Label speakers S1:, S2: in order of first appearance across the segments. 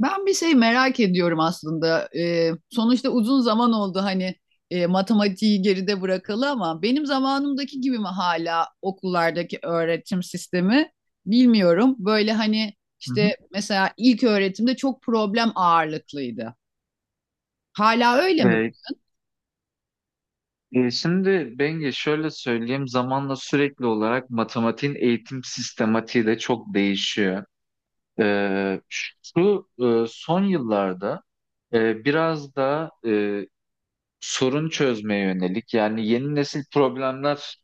S1: Ben bir şey merak ediyorum aslında. Sonuçta uzun zaman oldu, hani matematiği geride bırakalı, ama benim zamanımdaki gibi mi hala okullardaki öğretim sistemi bilmiyorum. Böyle hani
S2: Hı
S1: işte
S2: hı.
S1: mesela ilk öğretimde çok problem ağırlıklıydı. Hala öyle mi?
S2: E, Şimdi Bengi şöyle söyleyeyim, zamanla sürekli olarak matematiğin eğitim sistematiği de çok değişiyor. E, Şu son yıllarda biraz da sorun çözmeye yönelik, yani yeni nesil problemler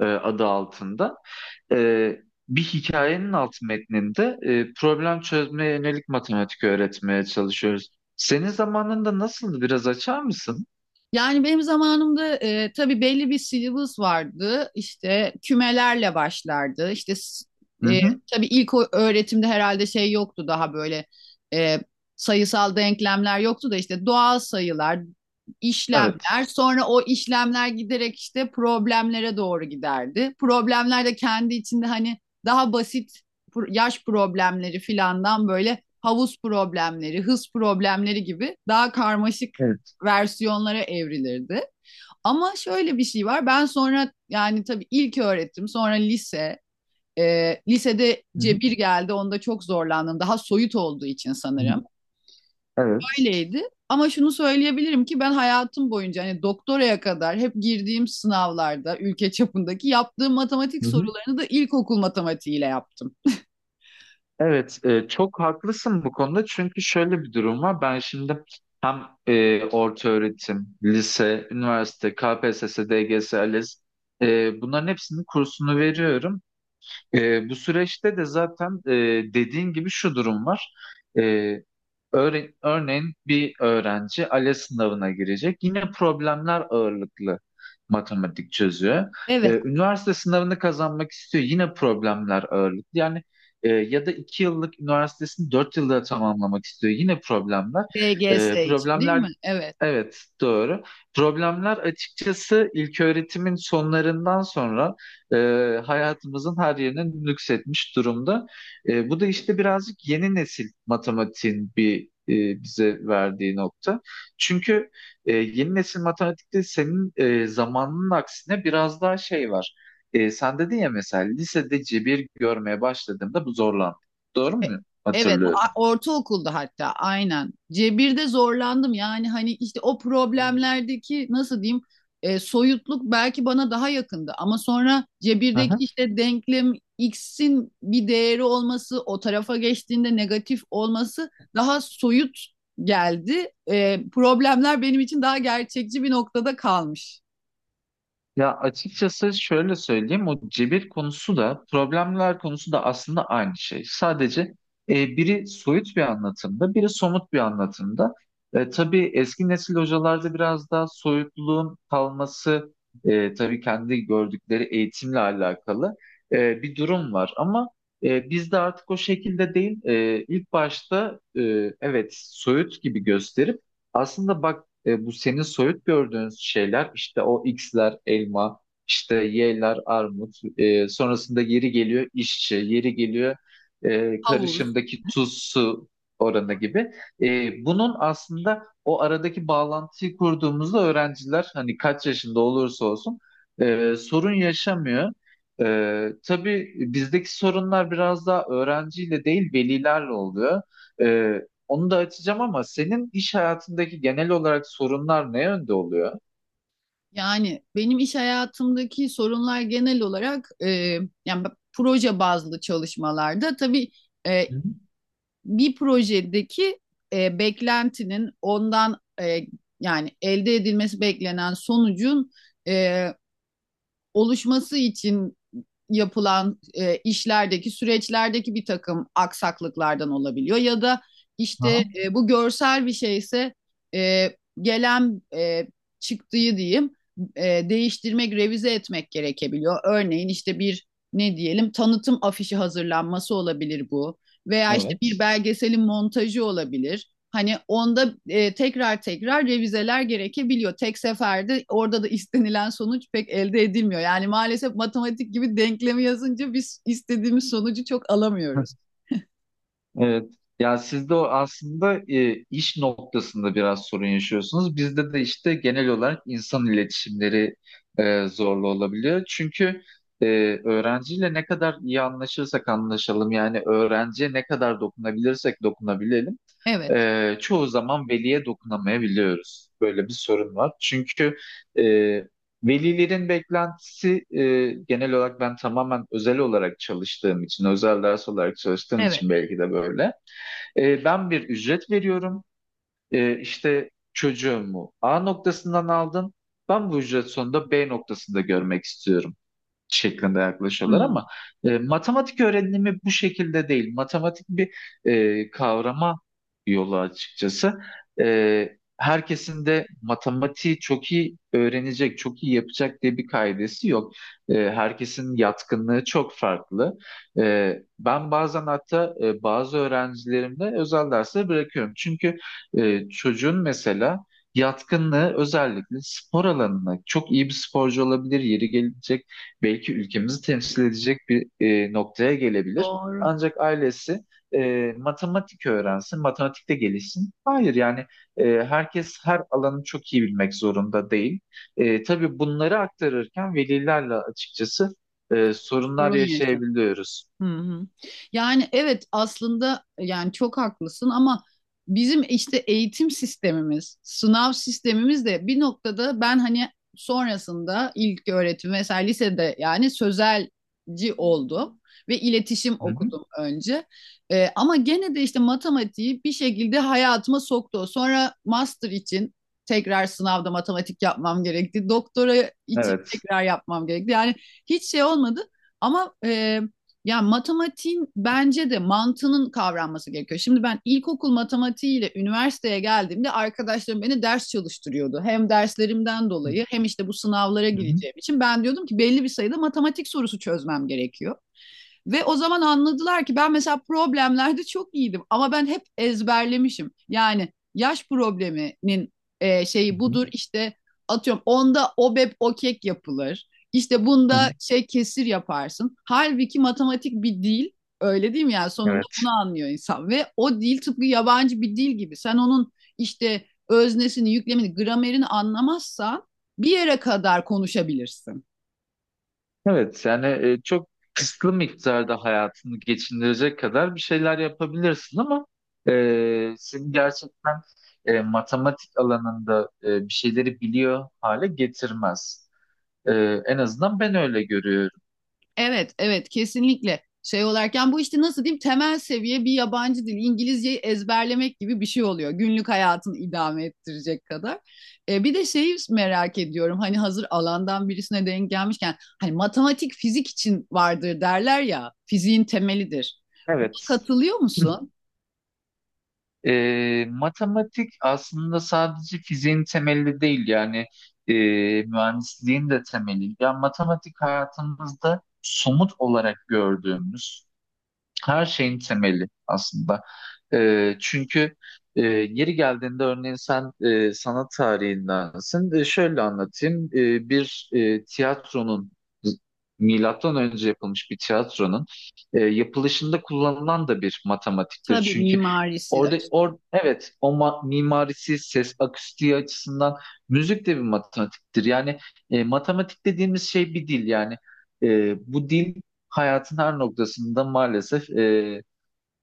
S2: adı altında, e, bir hikayenin alt metninde problem çözmeye yönelik matematik öğretmeye çalışıyoruz. Senin zamanında nasıldı? Biraz açar mısın?
S1: Yani benim zamanımda tabii belli bir syllabus vardı. İşte kümelerle başlardı.
S2: Hı
S1: E,
S2: hı.
S1: tabii ilk öğretimde herhalde şey yoktu daha böyle, e, sayısal denklemler yoktu da işte doğal sayılar,
S2: Evet.
S1: işlemler. Sonra o işlemler giderek işte problemlere doğru giderdi. Problemler de kendi içinde hani daha basit yaş problemleri filandan böyle havuz problemleri, hız problemleri gibi daha karmaşık
S2: Evet.
S1: versiyonlara evrilirdi. Ama şöyle bir şey var. Ben sonra yani tabii ilk öğretim, sonra lise. E, lisede
S2: Hı hı.
S1: cebir geldi. Onda çok zorlandım. Daha soyut olduğu için sanırım.
S2: Evet.
S1: Öyleydi. Ama şunu söyleyebilirim ki ben hayatım boyunca hani doktoraya kadar hep girdiğim sınavlarda ülke çapındaki yaptığım matematik
S2: Hı hı. Evet.
S1: sorularını da ilkokul matematiğiyle yaptım.
S2: Evet, çok haklısın bu konuda, çünkü şöyle bir durum var. Ben şimdi hem orta öğretim, lise, üniversite, KPSS, DGS, ALES, bunların hepsinin kursunu veriyorum. Bu süreçte de zaten dediğin gibi şu durum var. E, Örneğin bir öğrenci ALES sınavına girecek. Yine problemler ağırlıklı matematik çözüyor.
S1: Evet,
S2: Üniversite sınavını kazanmak istiyor. Yine problemler ağırlıklı. Yani ya da iki yıllık üniversitesini dört yılda tamamlamak istiyor. Yine problemler.
S1: DGS
S2: Ee,
S1: için değil
S2: problemler
S1: mi? Evet.
S2: Evet, doğru. Problemler açıkçası ilköğretimin sonlarından sonra e, hayatımızın her yerine nüksetmiş durumda. Bu da işte birazcık yeni nesil matematiğin bir bize verdiği nokta. Çünkü yeni nesil matematikte senin zamanının aksine biraz daha şey var. Sen dedin ya, mesela lisede cebir görmeye başladığımda bu zorlandı. Doğru mu
S1: E- Evet,
S2: hatırlıyorum?
S1: ortaokulda hatta aynen. Cebir'de zorlandım, yani hani işte o
S2: Evet.
S1: problemlerdeki nasıl diyeyim, soyutluk belki bana daha yakındı, ama sonra Cebir'deki işte denklem, x'in bir değeri olması, o tarafa geçtiğinde negatif olması daha soyut geldi. E, problemler benim için daha gerçekçi bir noktada kalmış.
S2: Ya açıkçası şöyle söyleyeyim, o cebir konusu da problemler konusu da aslında aynı şey. Sadece biri soyut bir anlatımda, biri somut bir anlatımda. Tabii eski nesil hocalarda biraz daha soyutluğun kalması, tabii kendi gördükleri eğitimle alakalı bir durum var. Ama bizde artık o şekilde değil. İlk başta evet soyut gibi gösterip aslında bak bu senin soyut gördüğün şeyler, işte o X'ler elma, işte Y'ler armut, sonrasında yeri geliyor işçi, yeri geliyor
S1: Havuz.
S2: karışımdaki tuz su oranı gibi. Bunun aslında o aradaki bağlantıyı kurduğumuzda öğrenciler, hani kaç yaşında olursa olsun, sorun yaşamıyor. Tabii bizdeki sorunlar biraz daha öğrenciyle değil, velilerle oluyor. E, Onu da açacağım, ama senin iş hayatındaki genel olarak sorunlar ne yönde oluyor?
S1: Yani benim iş hayatımdaki sorunlar genel olarak yani proje bazlı çalışmalarda tabii e,
S2: Hı hı.
S1: bir projedeki beklentinin ondan, yani elde edilmesi beklenen sonucun e, oluşması için yapılan işlerdeki süreçlerdeki bir takım aksaklıklardan olabiliyor, ya da işte
S2: Aha.
S1: bu görsel bir şeyse e, gelen çıktığı diyeyim, e, değiştirmek, revize etmek gerekebiliyor. Örneğin işte bir, ne diyelim, tanıtım afişi hazırlanması olabilir bu veya işte bir
S2: Evet.
S1: belgeselin montajı olabilir. Hani onda tekrar tekrar revizeler gerekebiliyor. Tek seferde orada da istenilen sonuç pek elde edilmiyor. Yani maalesef matematik gibi denklemi yazınca biz istediğimiz sonucu çok alamıyoruz.
S2: Evet. Ya sizde o aslında iş noktasında biraz sorun yaşıyorsunuz. Bizde de işte genel olarak insan iletişimleri zorlu olabiliyor. Çünkü e, öğrenciyle ne kadar iyi anlaşırsak anlaşalım, yani öğrenciye ne kadar dokunabilirsek dokunabilelim,
S1: Evet,
S2: çoğu zaman veliye dokunamayabiliyoruz. Böyle bir sorun var. Çünkü e, velilerin beklentisi, genel olarak ben tamamen özel olarak çalıştığım için, özel ders olarak çalıştığım
S1: evet.
S2: için belki de böyle. Ben bir ücret veriyorum. İşte çocuğumu A noktasından aldım. Ben bu ücret sonunda B noktasında görmek istiyorum şeklinde yaklaşıyorlar,
S1: Hmm,
S2: ama matematik öğrenimi bu şekilde değil. Matematik bir kavrama yolu açıkçası. Herkesin de matematiği çok iyi öğrenecek, çok iyi yapacak diye bir kaidesi yok. Herkesin yatkınlığı çok farklı. E, Ben bazen hatta bazı öğrencilerimde özel dersleri bırakıyorum. Çünkü çocuğun mesela yatkınlığı özellikle spor alanına, çok iyi bir sporcu olabilir, yeri gelecek belki ülkemizi temsil edecek bir noktaya gelebilir.
S1: doğru.
S2: Ancak ailesi matematik öğrensin, matematikte gelişsin. Hayır yani herkes her alanı çok iyi bilmek zorunda değil. Tabii bunları aktarırken velilerle açıkçası sorunlar
S1: Sorun yaşa.
S2: yaşayabiliyoruz.
S1: Hı hı. Yani evet aslında, yani çok haklısın, ama bizim işte eğitim sistemimiz, sınav sistemimiz de bir noktada, ben hani sonrasında ilk öğretim, mesela lisede yani sözelci oldum ve iletişim
S2: Hı hı.
S1: okudum önce. Ama gene de işte matematiği bir şekilde hayatıma soktu. Sonra master için tekrar sınavda matematik yapmam gerekti. Doktora için
S2: Evet.
S1: tekrar yapmam gerekti. Yani hiç şey olmadı. Ama ya matematiğin bence de mantığının kavranması gerekiyor. Şimdi ben ilkokul matematiğiyle üniversiteye geldiğimde arkadaşlarım beni ders çalıştırıyordu. Hem derslerimden
S2: Hı
S1: dolayı hem işte bu sınavlara
S2: hı.
S1: gireceğim için ben diyordum ki belli bir sayıda matematik sorusu çözmem gerekiyor. Ve o zaman anladılar ki ben mesela problemlerde çok iyiydim, ama ben hep ezberlemişim. Yani yaş probleminin
S2: Hı
S1: şeyi
S2: hı.
S1: budur, işte atıyorum onda obep o kek yapılır. İşte
S2: Hı hı.
S1: bunda şey kesir yaparsın. Halbuki matematik bir dil, öyle değil mi? Yani sonunda
S2: Evet.
S1: bunu anlıyor insan ve o dil tıpkı yabancı bir dil gibi. Sen onun işte öznesini, yüklemini, gramerini anlamazsan bir yere kadar konuşabilirsin.
S2: Evet yani çok kısıtlı miktarda hayatını geçindirecek kadar bir şeyler yapabilirsin, ama seni gerçekten matematik alanında bir şeyleri biliyor hale getirmez. E, En azından ben öyle görüyorum.
S1: Evet, evet kesinlikle, şey olarken bu işte nasıl diyeyim, temel seviye bir yabancı dil İngilizceyi ezberlemek gibi bir şey oluyor. Günlük hayatını idame ettirecek kadar. E, bir de şeyi merak ediyorum, hani hazır alandan birisine denk gelmişken, hani matematik fizik için vardır derler ya, fiziğin temelidir. Buna
S2: Evet.
S1: katılıyor musun?
S2: Matematik aslında sadece fiziğin temeli değil, yani e, mühendisliğin de temeli. Yani matematik hayatımızda somut olarak gördüğümüz her şeyin temeli aslında. Çünkü yeri geldiğinde, örneğin sen sanat tarihindensin. Şöyle anlatayım. Bir tiyatronun, milattan önce yapılmış bir tiyatronun yapılışında kullanılan da bir matematiktir.
S1: Tabii
S2: Çünkü
S1: mimarisi de açık-
S2: evet, mimarisi, ses akustiği açısından müzik de bir matematiktir. Yani matematik dediğimiz şey bir dil, yani. Bu dil hayatın her noktasında, maalesef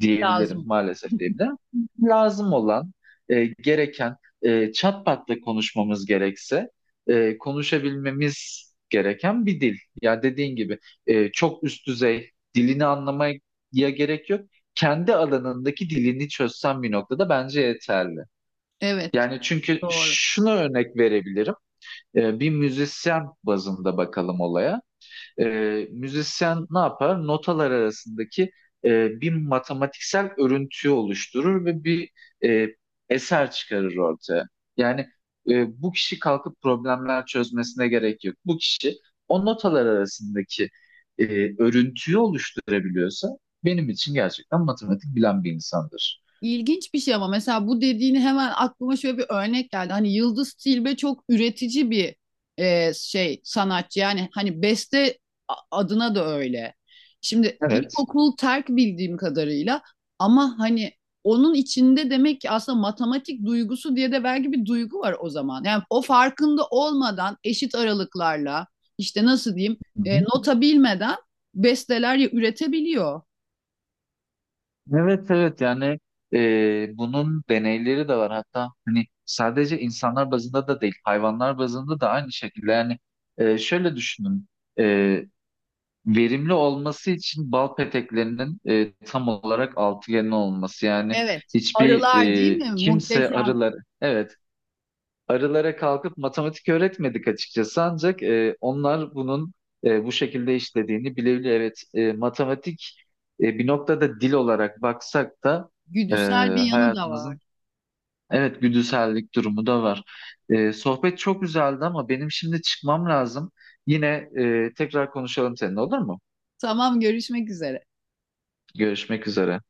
S2: diyebilirim,
S1: lazım.
S2: maalesef diyebilirim. Lazım olan, gereken, çat patla konuşmamız gerekse, konuşabilmemiz gereken bir dil. Ya dediğin gibi çok üst düzey dilini anlamaya gerek yok. Kendi alanındaki dilini çözsen bir noktada bence yeterli.
S1: Evet,
S2: Yani çünkü
S1: doğru.
S2: şunu örnek verebilirim. Bir müzisyen bazında bakalım olaya. E, Müzisyen ne yapar? Notalar arasındaki bir matematiksel örüntüyü oluşturur ve bir e, eser çıkarır ortaya. Yani bu kişi kalkıp problemler çözmesine gerek yok. Bu kişi o notalar arasındaki e, örüntüyü oluşturabiliyorsa benim için gerçekten matematik bilen bir insandır.
S1: İlginç bir şey ama, mesela bu dediğini hemen aklıma şöyle bir örnek geldi. Hani Yıldız Tilbe çok üretici bir şey sanatçı. Yani hani beste adına da öyle. Şimdi
S2: Evet.
S1: ilkokul terk bildiğim kadarıyla, ama hani onun içinde demek ki aslında matematik duygusu diye de belki bir duygu var o zaman. Yani o farkında olmadan eşit aralıklarla işte nasıl diyeyim,
S2: Hı hı.
S1: nota bilmeden besteler üretebiliyor.
S2: Evet, evet, yani bunun deneyleri de var hatta, hani sadece insanlar bazında da değil, hayvanlar bazında da aynı şekilde. Yani şöyle düşünün, e, verimli olması için bal peteklerinin tam olarak altıgenli olması, yani
S1: Evet.
S2: hiçbir
S1: Arılar değil mi?
S2: kimse
S1: Muhteşem
S2: arılar, evet, arılara kalkıp matematik öğretmedik açıkçası, ancak onlar bunun bu şekilde işlediğini bilebilir. Evet, matematik bir noktada dil olarak baksak da e,
S1: güdüsel bir yanı da var.
S2: hayatımızın, evet, güdüsellik durumu da var. Sohbet çok güzeldi, ama benim şimdi çıkmam lazım. Yine tekrar konuşalım seninle, olur mu?
S1: Tamam, görüşmek üzere.
S2: Görüşmek üzere.